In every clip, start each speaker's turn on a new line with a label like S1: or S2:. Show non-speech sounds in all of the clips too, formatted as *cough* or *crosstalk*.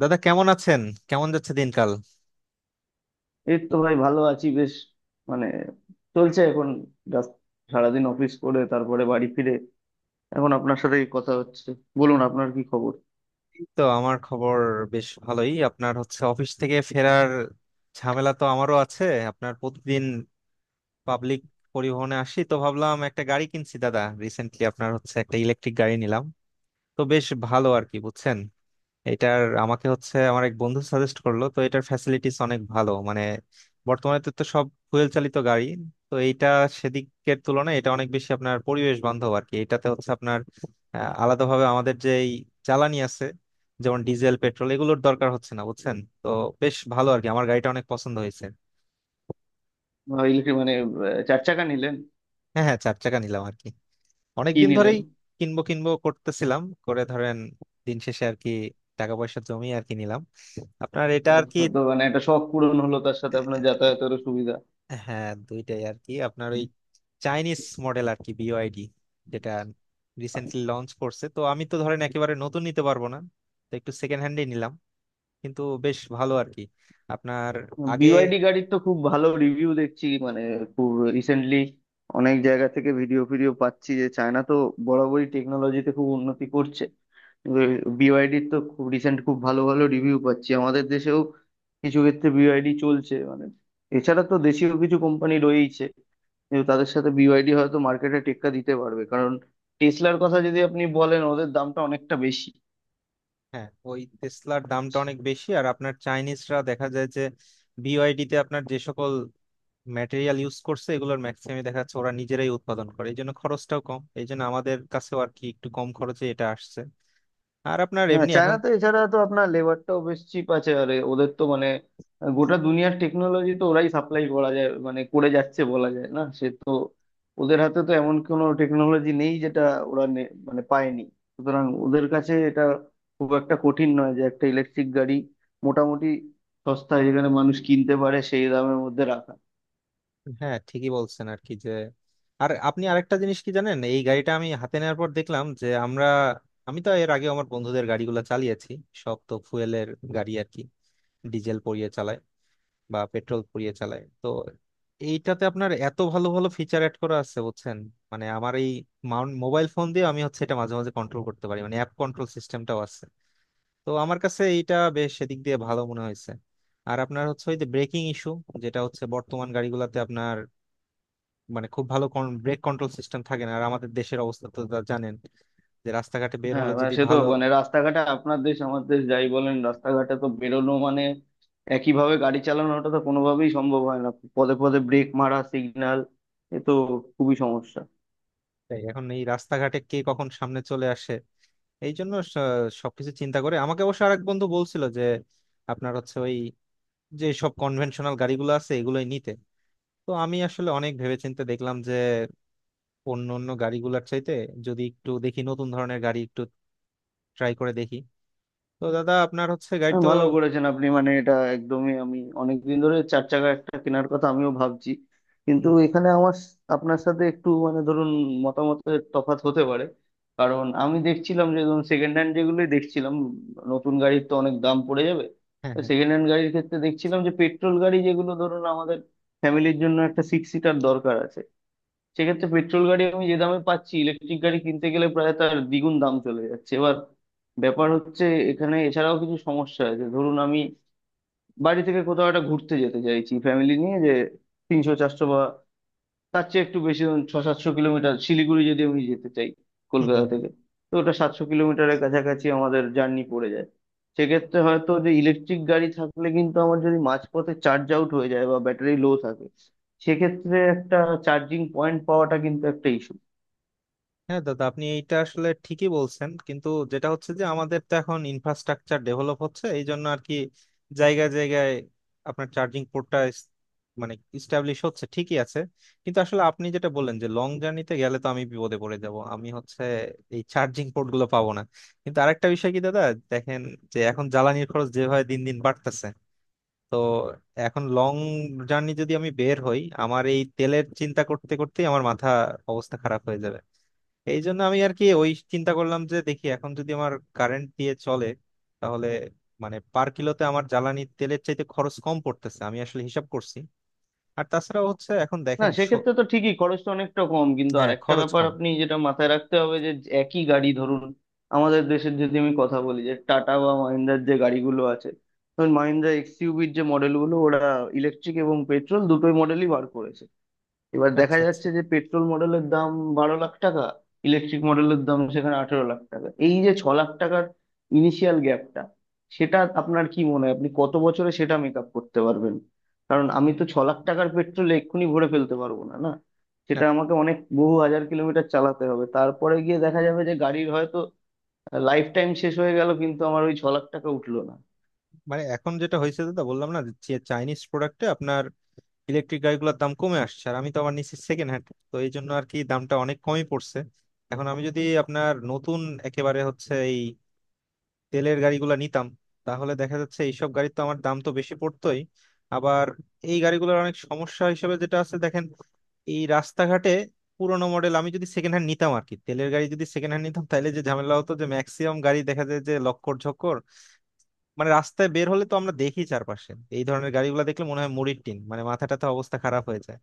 S1: দাদা কেমন আছেন? কেমন যাচ্ছে দিনকাল?
S2: এই তো ভাই, ভালো আছি বেশ। মানে, চলছে এখন। জাস্ট সারাদিন অফিস করে তারপরে বাড়ি ফিরে এখন আপনার সাথেই কথা হচ্ছে। বলুন, আপনার কি খবর?
S1: এই তো আমার খবর। বেশ ভালোই, আপনার হচ্ছে অফিস থেকে ফেরার ঝামেলা, তো আমারও আছে। আপনার প্রতিদিন পাবলিক পরিবহনে আসি, তো ভাবলাম একটা গাড়ি কিনছি দাদা। রিসেন্টলি আপনার হচ্ছে একটা ইলেকট্রিক গাড়ি নিলাম। তো বেশ ভালো আর কি, বুঝছেন। এটার আমাকে হচ্ছে আমার এক বন্ধু সাজেস্ট করলো, তো এটার ফ্যাসিলিটিস অনেক ভালো মানে। বর্তমানে তো তো সব ফুয়েল চালিত গাড়ি, তো এইটা সেদিকের তুলনায় এটা অনেক বেশি আপনার পরিবেশ বান্ধব আর কি। এটাতে হচ্ছে আপনার আলাদাভাবে আমাদের যে এই জ্বালানি আছে, যেমন ডিজেল পেট্রোল, এগুলোর দরকার হচ্ছে না বুঝছেন। তো বেশ ভালো আর কি, আমার গাড়িটা অনেক পছন্দ হয়েছে।
S2: ইলেকট্রিক মানে চার চাকা নিলেন?
S1: হ্যাঁ হ্যাঁ, চার চাকা নিলাম আর কি।
S2: কি
S1: অনেকদিন
S2: নিলেন?
S1: ধরেই কিনবো কিনবো করতেছিলাম, করে ধরেন দিন শেষে আর কি টাকা পয়সা জমিয়ে আর কি নিলাম আপনার এটা আর কি।
S2: হয়তো মানে একটা শখ পূরণ হলো, তার সাথে আপনার যাতায়াতেরও সুবিধা।
S1: হ্যাঁ দুইটাই আর কি, আপনার ওই চাইনিজ মডেল আর কি, বিওআইডি, যেটা রিসেন্টলি লঞ্চ করছে। তো আমি তো ধরেন একেবারে নতুন নিতে পারবো না, তো একটু সেকেন্ড হ্যান্ডই নিলাম, কিন্তু বেশ ভালো আর কি আপনার। আগে,
S2: বিওয়াইডি গাড়ির তো খুব ভালো রিভিউ দেখছি, মানে খুব রিসেন্টলি অনেক জায়গা থেকে ভিডিও ফিডিও পাচ্ছি যে চায়না তো বরাবরই টেকনোলজিতে খুব উন্নতি করছে। বিওয়াইডির তো খুব রিসেন্ট খুব ভালো ভালো রিভিউ পাচ্ছি, আমাদের দেশেও কিছু ক্ষেত্রে বিওয়াইডি চলছে মানে। এছাড়া তো দেশীয় কিছু কোম্পানি রয়েইছে, কিন্তু তাদের সাথে বিওয়াইডি হয়তো মার্কেটে টেক্কা দিতে পারবে, কারণ টেসলার কথা যদি আপনি বলেন, ওদের দামটা অনেকটা বেশি।
S1: হ্যাঁ ওই টেসলার দামটা অনেক বেশি, আর আপনার চাইনিজরা দেখা যায় যে বিওআইডি তে আপনার যে সকল ম্যাটেরিয়াল ইউজ করছে এগুলোর ম্যাক্সিমাম দেখা যাচ্ছে ওরা নিজেরাই উৎপাদন করে, এই জন্য খরচটাও কম, এই জন্য আমাদের কাছেও আর কি একটু কম খরচে এটা আসছে। আর আপনার
S2: হ্যাঁ,
S1: এমনি এখন,
S2: চায়নাতে এছাড়া তো আপনার লেবারটাও বেশ চিপ আছে, আর ওদের তো মানে গোটা দুনিয়ার টেকনোলজি তো ওরাই সাপ্লাই করা যায়, মানে করে যাচ্ছে বলা যায়, না সে তো। ওদের হাতে তো এমন কোনো টেকনোলজি নেই যেটা ওরা মানে পায়নি। সুতরাং ওদের কাছে এটা খুব একটা কঠিন নয় যে একটা ইলেকট্রিক গাড়ি মোটামুটি সস্তায় যেখানে মানুষ কিনতে পারে সেই দামের মধ্যে রাখা।
S1: হ্যাঁ ঠিকই বলছেন আর কি। যে আর আপনি আরেকটা জিনিস কি জানেন, এই গাড়িটা আমি হাতে নেওয়ার পর দেখলাম যে আমরা, আমি তো এর আগে আমার বন্ধুদের গাড়িগুলো চালিয়েছি, সব তো ফুয়েলের গাড়ি আর কি, ডিজেল পুড়িয়ে চালায় বা পেট্রোল পুড়িয়ে চালায়। তো এইটাতে আপনার এত ভালো ভালো ফিচার অ্যাড করা আছে বুঝছেন, মানে আমার এই মোবাইল ফোন দিয়ে আমি হচ্ছে এটা মাঝে মাঝে কন্ট্রোল করতে পারি, মানে অ্যাপ কন্ট্রোল সিস্টেমটাও আছে। তো আমার কাছে এইটা বেশ সেদিক দিয়ে ভালো মনে হয়েছে। আর আপনার হচ্ছে ওই যে ব্রেকিং ইস্যু, যেটা হচ্ছে বর্তমান গাড়িগুলোতে আপনার মানে খুব ভালো ব্রেক কন্ট্রোল সিস্টেম থাকে না, আর আমাদের দেশের অবস্থা তো তা জানেন যে রাস্তাঘাটে বের
S2: হ্যাঁ,
S1: হলে
S2: মানে
S1: যদি
S2: সে তো,
S1: ভালো,
S2: মানে রাস্তাঘাটে আপনার দেশ আমার দেশ যাই বলেন, রাস্তাঘাটে তো বেরোনো মানে একইভাবে গাড়ি চালানোটা তো কোনোভাবেই সম্ভব হয় না। পদে পদে ব্রেক মারা, সিগন্যাল, এ তো খুবই সমস্যা।
S1: তাই এখন এই রাস্তাঘাটে কে কখন সামনে চলে আসে, এই জন্য সবকিছু চিন্তা করে আমাকে অবশ্য আরেক বন্ধু বলছিল যে আপনার হচ্ছে ওই যে সব কনভেনশনাল গাড়িগুলো আছে এগুলোই নিতে। তো আমি আসলে অনেক ভেবেচিন্তে দেখলাম যে অন্য অন্য গাড়িগুলোর চাইতে যদি একটু দেখি নতুন ধরনের গাড়ি একটু ট্রাই করে দেখি। তো দাদা আপনার হচ্ছে গাড়ি তো,
S2: ভালো করেছেন আপনি, মানে এটা একদমই। আমি অনেকদিন ধরে চার চাকা একটা কেনার কথা আমিও ভাবছি, কিন্তু
S1: হুম,
S2: এখানে আমার আপনার সাথে একটু মানে ধরুন মতামতের তফাৎ হতে পারে। কারণ আমি দেখছিলাম যে ধরুন সেকেন্ড হ্যান্ড যেগুলোই দেখছিলাম, নতুন গাড়ির তো অনেক দাম পড়ে যাবে।
S1: হ্যাঁ
S2: সেকেন্ড হ্যান্ড গাড়ির ক্ষেত্রে দেখছিলাম যে পেট্রোল গাড়ি যেগুলো ধরুন, আমাদের ফ্যামিলির জন্য একটা সিক্স সিটার দরকার আছে, সেক্ষেত্রে পেট্রোল গাড়ি আমি যে দামে পাচ্ছি, ইলেকট্রিক গাড়ি কিনতে গেলে প্রায় তার দ্বিগুণ দাম চলে যাচ্ছে। এবার ব্যাপার হচ্ছে, এখানে এছাড়াও কিছু সমস্যা আছে। ধরুন আমি বাড়ি থেকে কোথাও একটা ঘুরতে যেতে চাইছি ফ্যামিলি নিয়ে, যে 300 400 বা তার চেয়ে একটু বেশি ধরুন 600-700 কিলোমিটার, শিলিগুড়ি যদি আমি যেতে চাই
S1: হ্যাঁ
S2: কলকাতা থেকে,
S1: *laughs*
S2: তো ওটা 700 কিলোমিটারের কাছাকাছি আমাদের জার্নি পড়ে যায়। সেক্ষেত্রে হয়তো যে ইলেকট্রিক গাড়ি থাকলে, কিন্তু আমার যদি মাঝপথে চার্জ আউট হয়ে যায় বা ব্যাটারি লো থাকে, সেক্ষেত্রে একটা চার্জিং পয়েন্ট পাওয়াটা কিন্তু একটা।
S1: হ্যাঁ দাদা আপনি এইটা আসলে ঠিকই বলছেন, কিন্তু যেটা হচ্ছে যে আমাদের তো এখন ইনফ্রাস্ট্রাকচার ডেভেলপ হচ্ছে, এই জন্য আর কি জায়গায় জায়গায় আপনার চার্জিং পোর্টটা মানে ইস্টাবলিশ হচ্ছে, ঠিকই আছে। কিন্তু আসলে আপনি যেটা বললেন যে লং জার্নিতে গেলে তো আমি বিপদে পড়ে যাব, আমি হচ্ছে এই চার্জিং পোর্ট গুলো পাবো না। কিন্তু আরেকটা বিষয় কি দাদা দেখেন, যে এখন জ্বালানির খরচ যেভাবে দিন দিন বাড়তেছে, তো এখন লং জার্নি যদি আমি বের হই আমার এই তেলের চিন্তা করতে করতেই আমার মাথা অবস্থা খারাপ হয়ে যাবে। এই জন্য আমি আর কি ওই চিন্তা করলাম যে দেখি এখন যদি আমার কারেন্ট দিয়ে চলে, তাহলে মানে পার কিলোতে আমার জ্বালানি তেলের চাইতে খরচ কম পড়তেছে, আমি আসলে হিসাব করছি। আর তাছাড়া হচ্ছে এখন
S2: না,
S1: দেখেন
S2: সেক্ষেত্রে তো ঠিকই খরচটা অনেকটা কম, কিন্তু
S1: হ্যাঁ
S2: আরেকটা
S1: খরচ
S2: ব্যাপার
S1: কম।
S2: আপনি যেটা মাথায় রাখতে হবে, যে একই গাড়ি ধরুন, আমাদের দেশের যদি আমি কথা বলি, যে টাটা বা মাহিন্দ্রার যে গাড়িগুলো আছে, ধরুন মাহিন্দ্রা এক্সইউভির যে মডেলগুলো ওরা ইলেকট্রিক এবং পেট্রোল দুটোই মডেলই বার করেছে, এবার দেখা
S1: আচ্ছা আচ্ছা,
S2: যাচ্ছে যে পেট্রোল মডেলের দাম 12 লাখ টাকা, ইলেকট্রিক মডেলের দাম সেখানে 18 লাখ টাকা। এই যে 6 লাখ টাকার ইনিশিয়াল গ্যাপটা, সেটা আপনার কি মনে হয়, আপনি কত বছরে সেটা মেক আপ করতে পারবেন? কারণ আমি তো 6 লাখ টাকার পেট্রোল এক্ষুনি ভরে ফেলতে পারবো না, না
S1: না
S2: সেটা আমাকে অনেক বহু হাজার কিলোমিটার চালাতে হবে, তারপরে গিয়ে দেখা যাবে যে গাড়ির হয়তো লাইফ টাইম শেষ হয়ে গেল, কিন্তু আমার ওই 6 লাখ টাকা উঠলো না।
S1: মানে এখন যেটা হয়েছে দাদা, বললাম না যে চাইনিজ প্রোডাক্টে আপনার ইলেকট্রিক গাড়িগুলোর দাম কমে আসছে, আর আমি তো আবার নিচ্ছি সেকেন্ড হ্যান্ড, তো এই জন্য আর কি দামটা অনেক কমই পড়ছে। এখন আমি যদি আপনার নতুন একেবারে হচ্ছে এই তেলের গাড়িগুলো নিতাম, তাহলে দেখা যাচ্ছে এইসব গাড়ির তো আমার দাম তো বেশি পড়তোই। আবার এই গাড়িগুলোর অনেক সমস্যা হিসেবে যেটা আছে দেখেন, এই রাস্তাঘাটে পুরোনো মডেল আমি যদি সেকেন্ড হ্যান্ড নিতাম আর কি, তেলের গাড়ি যদি সেকেন্ড হ্যান্ড নিতাম তাহলে যে ঝামেলা হতো যে ম্যাক্সিমাম গাড়ি দেখা যায় যে লক্কর ঝক্কর, মানে রাস্তায় বের হলে তো আমরা দেখি চারপাশে এই ধরনের গাড়িগুলো, দেখলে মনে হয় মুড়ির টিন, মানে মাথাটাতে অবস্থা খারাপ হয়ে যায়।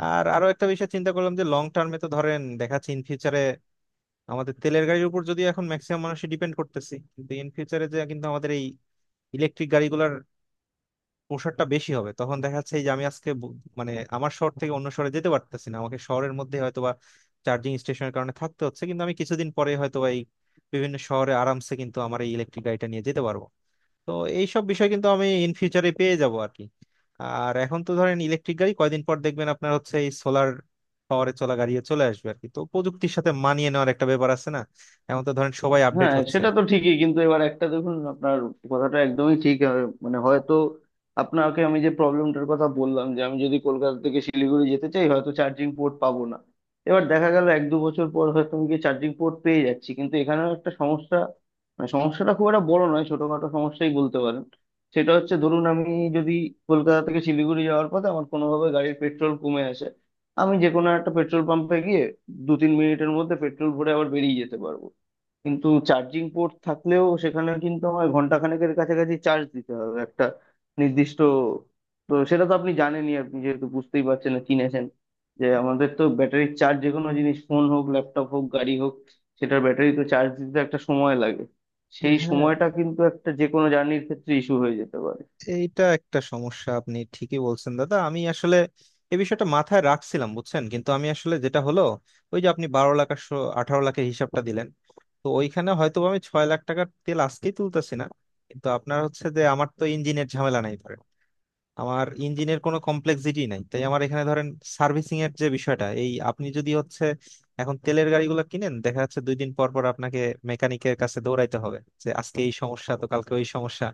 S1: আর আরো একটা বিষয় চিন্তা করলাম যে লং টার্মে তো ধরেন দেখা যাচ্ছে ইন ফিউচারে আমাদের তেলের গাড়ির উপর যদি এখন ম্যাক্সিমাম মানুষ ডিপেন্ড করতেছি, কিন্তু ইন ফিউচারে যে কিন্তু আমাদের এই ইলেকট্রিক গাড়িগুলোর প্রসারটা বেশি হবে, তখন দেখা যাচ্ছে এই যে আমি আজকে মানে আমার শহর থেকে অন্য শহরে যেতে পারতেছি না, আমাকে শহরের মধ্যে হয়তোবা চার্জিং স্টেশনের কারণে থাকতে হচ্ছে, কিন্তু আমি কিছুদিন পরে হয়তোবা এই বিভিন্ন শহরে আরামসে কিন্তু আমার এই ইলেকট্রিক গাড়িটা নিয়ে যেতে পারবো। তো এইসব বিষয় কিন্তু আমি ইন ফিউচারে পেয়ে যাব আর কি। আর এখন তো ধরেন ইলেকট্রিক গাড়ি, কয়দিন পর দেখবেন আপনার হচ্ছে এই সোলার পাওয়ারে চলা গাড়িও চলে আসবে আর কি, তো প্রযুক্তির সাথে মানিয়ে নেওয়ার একটা ব্যাপার আছে না, এখন তো ধরেন সবাই আপডেট
S2: হ্যাঁ
S1: হচ্ছে।
S2: সেটা তো ঠিকই, কিন্তু এবার একটা দেখুন, আপনার কথাটা একদমই ঠিক, আর মানে হয়তো আপনাকে আমি যে প্রবলেমটার কথা বললাম যে আমি যদি কলকাতা থেকে শিলিগুড়ি যেতে চাই, হয়তো চার্জিং পোর্ট পাবো না। এবার দেখা গেল 1-2 বছর পর হয়তো আমি গিয়ে চার্জিং পোর্ট পেয়ে যাচ্ছি, কিন্তু এখানেও একটা সমস্যা, মানে সমস্যাটা খুব একটা বড় নয়, ছোটখাটো সমস্যাই বলতে পারেন। সেটা হচ্ছে ধরুন আমি, যদি কলকাতা থেকে শিলিগুড়ি যাওয়ার পথে আমার কোনোভাবে গাড়ির পেট্রোল কমে আসে, আমি যে কোনো একটা পেট্রোল পাম্পে গিয়ে 2-3 মিনিটের মধ্যে পেট্রোল ভরে আবার বেরিয়ে যেতে পারবো। কিন্তু চার্জিং পোর্ট থাকলেও সেখানে কিন্তু আমার ঘন্টা খানেকের কাছাকাছি চার্জ দিতে হবে, একটা নির্দিষ্ট। তো সেটা তো আপনি জানেনই, আপনি যেহেতু বুঝতেই পারছেন, না চিনেছেন, যে আমাদের তো ব্যাটারির চার্জ, যে কোনো জিনিস, ফোন হোক, ল্যাপটপ হোক, গাড়ি হোক, সেটার ব্যাটারি তো চার্জ দিতে একটা সময় লাগে। সেই
S1: হ্যাঁ,
S2: সময়টা কিন্তু একটা যে কোনো জার্নির ক্ষেত্রে ইস্যু হয়ে যেতে পারে।
S1: এইটা একটা সমস্যা আপনি ঠিকই বলছেন দাদা, আমি আসলে এই বিষয়টা মাথায় রাখছিলাম বুঝছেন, কিন্তু আমি আসলে যেটা হলো ওই যে আপনি 12 লাখ আর 18 লাখের হিসাবটা দিলেন, তো ওইখানে হয়তো আমি 6 লাখ টাকার তেল আজকেই তুলতেছি না। কিন্তু আপনার হচ্ছে যে আমার তো ইঞ্জিনের ঝামেলা নাই ধরেন, আমার ইঞ্জিনের কোনো কমপ্লেক্সিটি নাই, তাই আমার এখানে ধরেন সার্ভিসিং এর যে বিষয়টা, এই আপনি যদি হচ্ছে এখন তেলের গাড়িগুলো কিনেন দেখা যাচ্ছে দুই দিন পর পর আপনাকে মেকানিকের কাছে দৌড়াইতে হবে, যে আজকে এই সমস্যা তো কালকে ওই সমস্যা।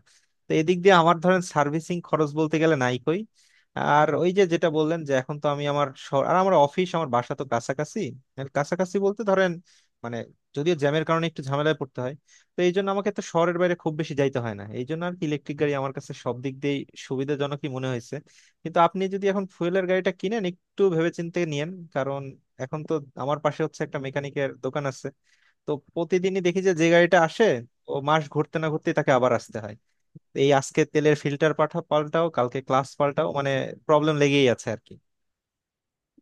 S1: তো এদিক দিয়ে আমার ধরেন সার্ভিসিং খরচ বলতে গেলে নাই কই। আর ওই যে যেটা বললেন যে এখন তো আমি, আমার শহর আর আমার অফিস আমার বাসা তো কাছাকাছি। আর কাছাকাছি বলতে ধরেন মানে যদিও জ্যামের কারণে একটু ঝামেলায় পড়তে হয়, তো এই জন্য আমাকে তো শহরের বাইরে খুব বেশি যাইতে হয় না, এই জন্য আর কি ইলেকট্রিক গাড়ি আমার কাছে সব দিক দিয়ে সুবিধাজনকই মনে হয়েছে। কিন্তু আপনি যদি এখন ফুয়েলের গাড়িটা কিনেন একটু ভেবেচিন্তে নিয়েন, কারণ এখন তো আমার পাশে হচ্ছে একটা মেকানিকের দোকান আছে, তো প্রতিদিনই দেখি যে যে গাড়িটা আসে ও মাস ঘুরতে না ঘুরতে তাকে আবার আসতে হয়। এই আজকে তেলের ফিল্টার পাঠা পাল্টাও কালকে ক্লাস পাল্টাও, মানে প্রবলেম লেগেই আছে আর কি।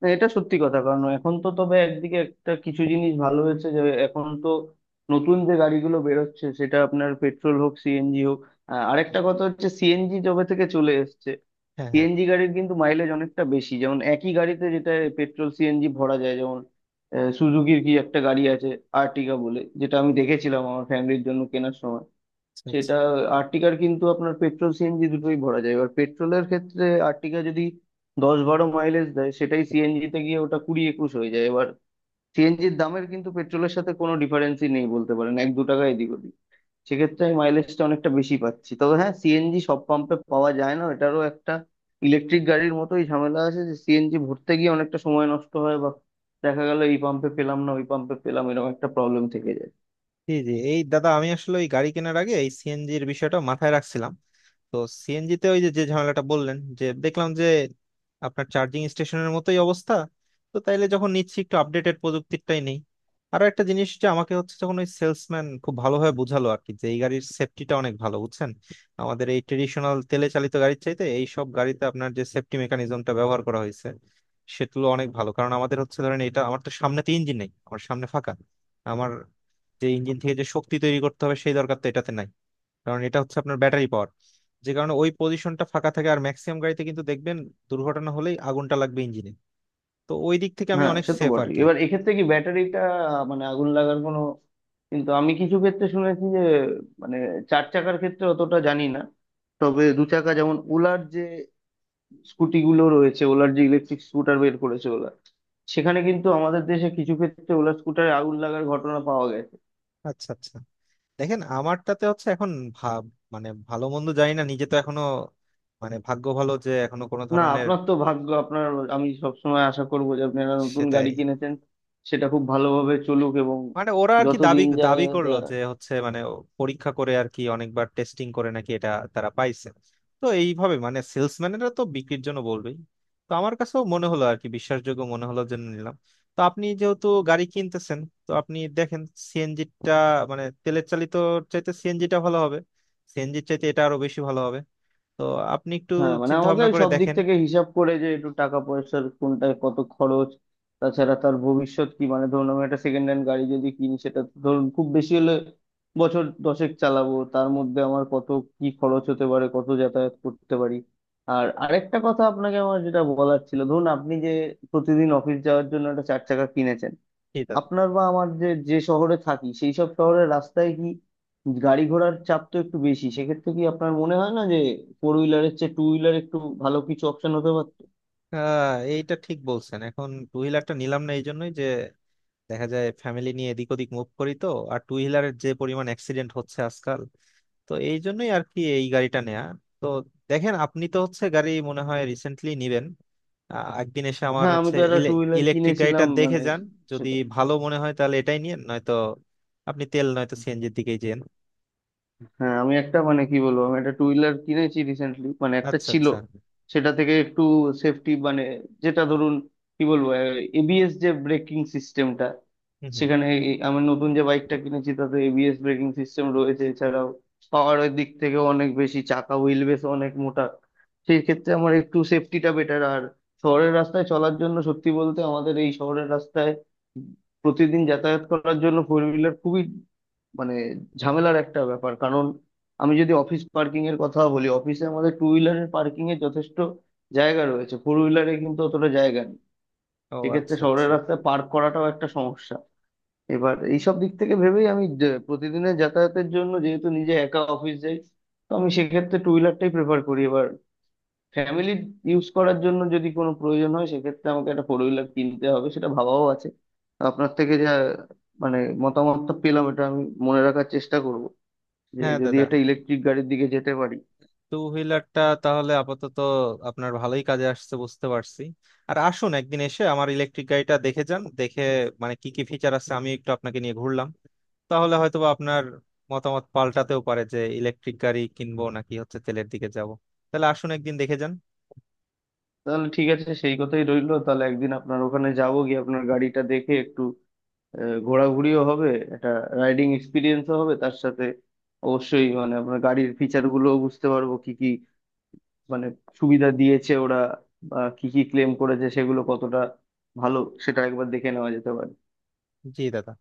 S2: না, এটা সত্যি কথা, কারণ এখন তো, তবে একদিকে একটা কিছু জিনিস ভালো হয়েছে যে এখন তো নতুন যে গাড়িগুলো বেরোচ্ছে, সেটা আপনার পেট্রোল হোক সিএনজি হোক। আরেকটা কথা হচ্ছে, সিএনজি জবে থেকে চলে এসছে।
S1: হ্যাঁ হ্যাঁ,
S2: সিএনজি গাড়ির কিন্তু মাইলেজ অনেকটা বেশি, যেমন একই গাড়িতে যেটা পেট্রোল সিএনজি ভরা যায়, যেমন সুজুকির কি একটা গাড়ি আছে আর্টিগা বলে, যেটা আমি দেখেছিলাম আমার ফ্যামিলির জন্য কেনার সময়
S1: আচ্ছা আচ্ছা,
S2: সেটা। আর্টিকার কিন্তু আপনার পেট্রোল সিএনজি দুটোই ভরা যায়। এবার পেট্রোলের ক্ষেত্রে আর্টিকা যদি 10-12 মাইলেজ দেয়, সেটাই সিএনজি তে গিয়ে ওটা 20-21 হয়ে যায়। এবার সিএনজির দামের কিন্তু পেট্রোলের সাথে কোনো ডিফারেন্সই নেই বলতে পারেন, 1-2 টাকা এদিক ওদিক। সেক্ষেত্রে আমি মাইলেজটা অনেকটা বেশি পাচ্ছি। তবে হ্যাঁ, সিএনজি সব পাম্পে পাওয়া যায় না, এটারও একটা ইলেকট্রিক গাড়ির মতোই ঝামেলা আছে, যে সিএনজি ভরতে গিয়ে অনেকটা সময় নষ্ট হয়, বা দেখা গেল এই পাম্পে পেলাম না ওই পাম্পে পেলাম, এরকম একটা প্রবলেম থেকে যায়।
S1: জি জি এই দাদা আমি আসলে ওই গাড়ি কেনার আগে এই সিএনজির বিষয়টা মাথায় রাখছিলাম। তো সিএনজিতে ওই যে যে ঝামেলাটা বললেন যে দেখলাম যে আপনার চার্জিং স্টেশনের মতোই অবস্থা, তো তাইলে যখন নিচ্ছি একটু আপডেটেড প্রযুক্তিটাই নেই। আরো একটা জিনিস যে আমাকে হচ্ছে, যখন ওই সেলসম্যান খুব ভালোভাবে বোঝালো আর কি যে এই গাড়ির সেফটিটা অনেক ভালো বুঝছেন, আমাদের এই ট্রেডিশনাল তেলে চালিত গাড়ির চাইতে এই সব গাড়িতে আপনার যে সেফটি মেকানিজমটা ব্যবহার করা হয়েছে সেগুলো অনেক ভালো। কারণ আমাদের হচ্ছে ধরেন এটা, আমার তো সামনে তো ইঞ্জিন নেই, আমার সামনে ফাঁকা, আমার যে ইঞ্জিন থেকে যে শক্তি তৈরি করতে হবে সেই দরকার তো এটাতে নাই, কারণ এটা হচ্ছে আপনার ব্যাটারি পাওয়ার, যে কারণে ওই পজিশনটা ফাঁকা থাকে। আর ম্যাক্সিমাম গাড়িতে কিন্তু দেখবেন দুর্ঘটনা হলেই আগুনটা লাগবে ইঞ্জিনে, তো ওই দিক থেকে আমি
S2: হ্যাঁ
S1: অনেক
S2: সে তো
S1: সেফ
S2: বটে,
S1: আর কি।
S2: এবার এক্ষেত্রে কি ব্যাটারিটা মানে আগুন লাগার কোনো, কিন্তু আমি কিছু ক্ষেত্রে শুনেছি যে মানে চার চাকার ক্ষেত্রে অতটা জানি না, তবে দু চাকা যেমন ওলার যে স্কুটি গুলো রয়েছে, ওলার যে ইলেকট্রিক স্কুটার বের করেছে ওলা, সেখানে কিন্তু আমাদের দেশে কিছু ক্ষেত্রে ওলার স্কুটারে আগুন লাগার ঘটনা পাওয়া গেছে।
S1: আচ্ছা আচ্ছা, দেখেন আমারটাতে হচ্ছে এখন ভাব মানে ভালো মন্দ জানি না, নিজে তো এখনো মানে ভাগ্য ভালো যে এখনো কোনো
S2: না
S1: ধরনের,
S2: আপনার তো ভাগ্য আপনার, আমি সবসময় আশা করবো যে আপনি একটা নতুন
S1: সেটাই।
S2: গাড়ি কিনেছেন, সেটা খুব ভালোভাবে চলুক, এবং
S1: মানে ওরা আর কি
S2: যত
S1: দাবি
S2: দিন যায়।
S1: দাবি করলো যে হচ্ছে মানে ও পরীক্ষা করে আর কি অনেকবার টেস্টিং করে নাকি এটা তারা পাইছে, তো এইভাবে মানে সেলসম্যানেরা তো বিক্রির জন্য বলবেই, তো আমার কাছেও মনে হলো আর কি বিশ্বাসযোগ্য মনে হলো জন্য নিলাম। তো আপনি যেহেতু গাড়ি কিনতেছেন, তো আপনি দেখেন সিএনজিটা মানে তেলের চালিত চাইতে সিএনজিটা ভালো হবে, সিএনজির চাইতে এটা আরো বেশি ভালো হবে, তো আপনি একটু
S2: হ্যাঁ মানে
S1: চিন্তা
S2: আমাকে
S1: ভাবনা করে
S2: সব দিক
S1: দেখেন।
S2: থেকে হিসাব করে, যে একটু টাকা পয়সার কোনটায় কত খরচ, তাছাড়া তার ভবিষ্যৎ কি, মানে ধরুন আমি একটা সেকেন্ড হ্যান্ড গাড়ি যদি কিনি, সেটা তো ধরুন খুব বেশি হলে বছর দশেক চালাবো, তার মধ্যে আমার কত কি খরচ হতে পারে, কত যাতায়াত করতে পারি। আর আরেকটা কথা আপনাকে আমার যেটা বলার ছিল, ধরুন আপনি যে প্রতিদিন অফিস যাওয়ার জন্য একটা চার চাকা কিনেছেন,
S1: ঠিক আছে।
S2: আপনার বা আমার যে যে শহরে থাকি, সেই সব শহরের রাস্তায় কি গাড়ি ঘোড়ার চাপ তো একটু বেশি, সেক্ষেত্রে কি আপনার মনে হয় না যে ফোর হুইলারের চেয়ে টু হুইলার একটু ভালো কিছু অপশন হতে পারতো?
S1: এইটা ঠিক বলছেন, এখন টু হুইলারটা নিলাম না এই জন্যই যে দেখা যায় ফ্যামিলি নিয়ে এদিক ওদিক মুভ করি, তো আর টু হুইলারের যে পরিমাণ অ্যাক্সিডেন্ট হচ্ছে আজকাল, তো এই জন্যই আর কি এই গাড়িটা নেয়া। তো দেখেন আপনি তো হচ্ছে গাড়ি মনে হয় রিসেন্টলি নিবেন, একদিন এসে আমার
S2: হ্যাঁ আমি
S1: হচ্ছে
S2: তো একটা টু হুইলার
S1: ইলেকট্রিক গাড়িটা
S2: কিনেছিলাম,
S1: দেখে
S2: মানে
S1: যান, যদি
S2: সেটা।
S1: ভালো মনে হয় তাহলে এটাই নিয়েন, নয়তো আপনি তেল নয়তো সিএনজির দিকেই যেন।
S2: হ্যাঁ আমি একটা মানে কি বলবো, আমি একটা টু হুইলার কিনেছি রিসেন্টলি, মানে একটা
S1: আচ্ছা
S2: ছিল
S1: আচ্ছা,
S2: সেটা থেকে একটু সেফটি মানে, যেটা ধরুন, কি বলবো, এবিএস যে ব্রেকিং সিস্টেমটা,
S1: হুম হুম,
S2: সেখানে আমার নতুন যে বাইকটা কিনেছি তাতে এবিএস ব্রেকিং সিস্টেম রয়েছে, এছাড়াও পাওয়ারের দিক থেকে অনেক বেশি, চাকা হুইল বেস অনেক মোটা, সেই ক্ষেত্রে আমার একটু সেফটিটা বেটার। আর শহরের রাস্তায় চলার জন্য সত্যি বলতে আমাদের এই শহরের রাস্তায় প্রতিদিন যাতায়াত করার জন্য ফোর হুইলার খুবই মানে ঝামেলার একটা ব্যাপার, কারণ আমি যদি অফিস পার্কিং এর কথা বলি, অফিসে আমাদের টু হুইলারের পার্কিং এর যথেষ্ট জায়গা রয়েছে, ফোর হুইলারে কিন্তু অতটা জায়গা নেই।
S1: ও
S2: সেক্ষেত্রে
S1: আচ্ছা
S2: শহরের
S1: আচ্ছা,
S2: রাস্তায় পার্ক করাটাও একটা সমস্যা। এবার এইসব দিক থেকে ভেবেই আমি প্রতিদিনের যাতায়াতের জন্য যেহেতু নিজে একা অফিস যাই, তো আমি সেক্ষেত্রে টু হুইলারটাই প্রেফার করি। এবার ফ্যামিলি ইউজ করার জন্য যদি কোনো প্রয়োজন হয় সেক্ষেত্রে আমাকে একটা ফোর হুইলার কিনতে হবে, সেটা ভাবাও আছে। আপনার থেকে যা মানে মতামতটা পেলাম, এটা আমি মনে রাখার চেষ্টা করব, যে
S1: হ্যাঁ
S2: যদি
S1: দাদা,
S2: একটা ইলেকট্রিক গাড়ির দিকে যেতে পারি।
S1: টু হুইলারটা তাহলে আপাতত আপনার ভালোই কাজে আসছে বুঝতে পারছি। আর আসুন একদিন এসে আমার ইলেকট্রিক গাড়িটা দেখে যান, দেখে মানে কি কি ফিচার আছে আমি একটু আপনাকে নিয়ে ঘুরলাম, তাহলে হয়তোবা আপনার মতামত পাল্টাতেও পারে যে ইলেকট্রিক গাড়ি কিনবো নাকি হচ্ছে তেলের দিকে যাব। তাহলে আসুন একদিন দেখে যান।
S2: তাহলে ঠিক আছে, সেই কথাই রইলো। তাহলে একদিন আপনার ওখানে যাবো, গিয়ে আপনার গাড়িটা দেখে একটু ঘোরাঘুরিও হবে, একটা রাইডিং এক্সপিরিয়েন্সও হবে তার সাথে। অবশ্যই মানে আপনার গাড়ির ফিচার গুলো বুঝতে পারবো, কি কি মানে সুবিধা দিয়েছে ওরা, বা কি কি ক্লেম করেছে, সেগুলো কতটা ভালো সেটা একবার দেখে নেওয়া যেতে পারে।
S1: জি দাদা।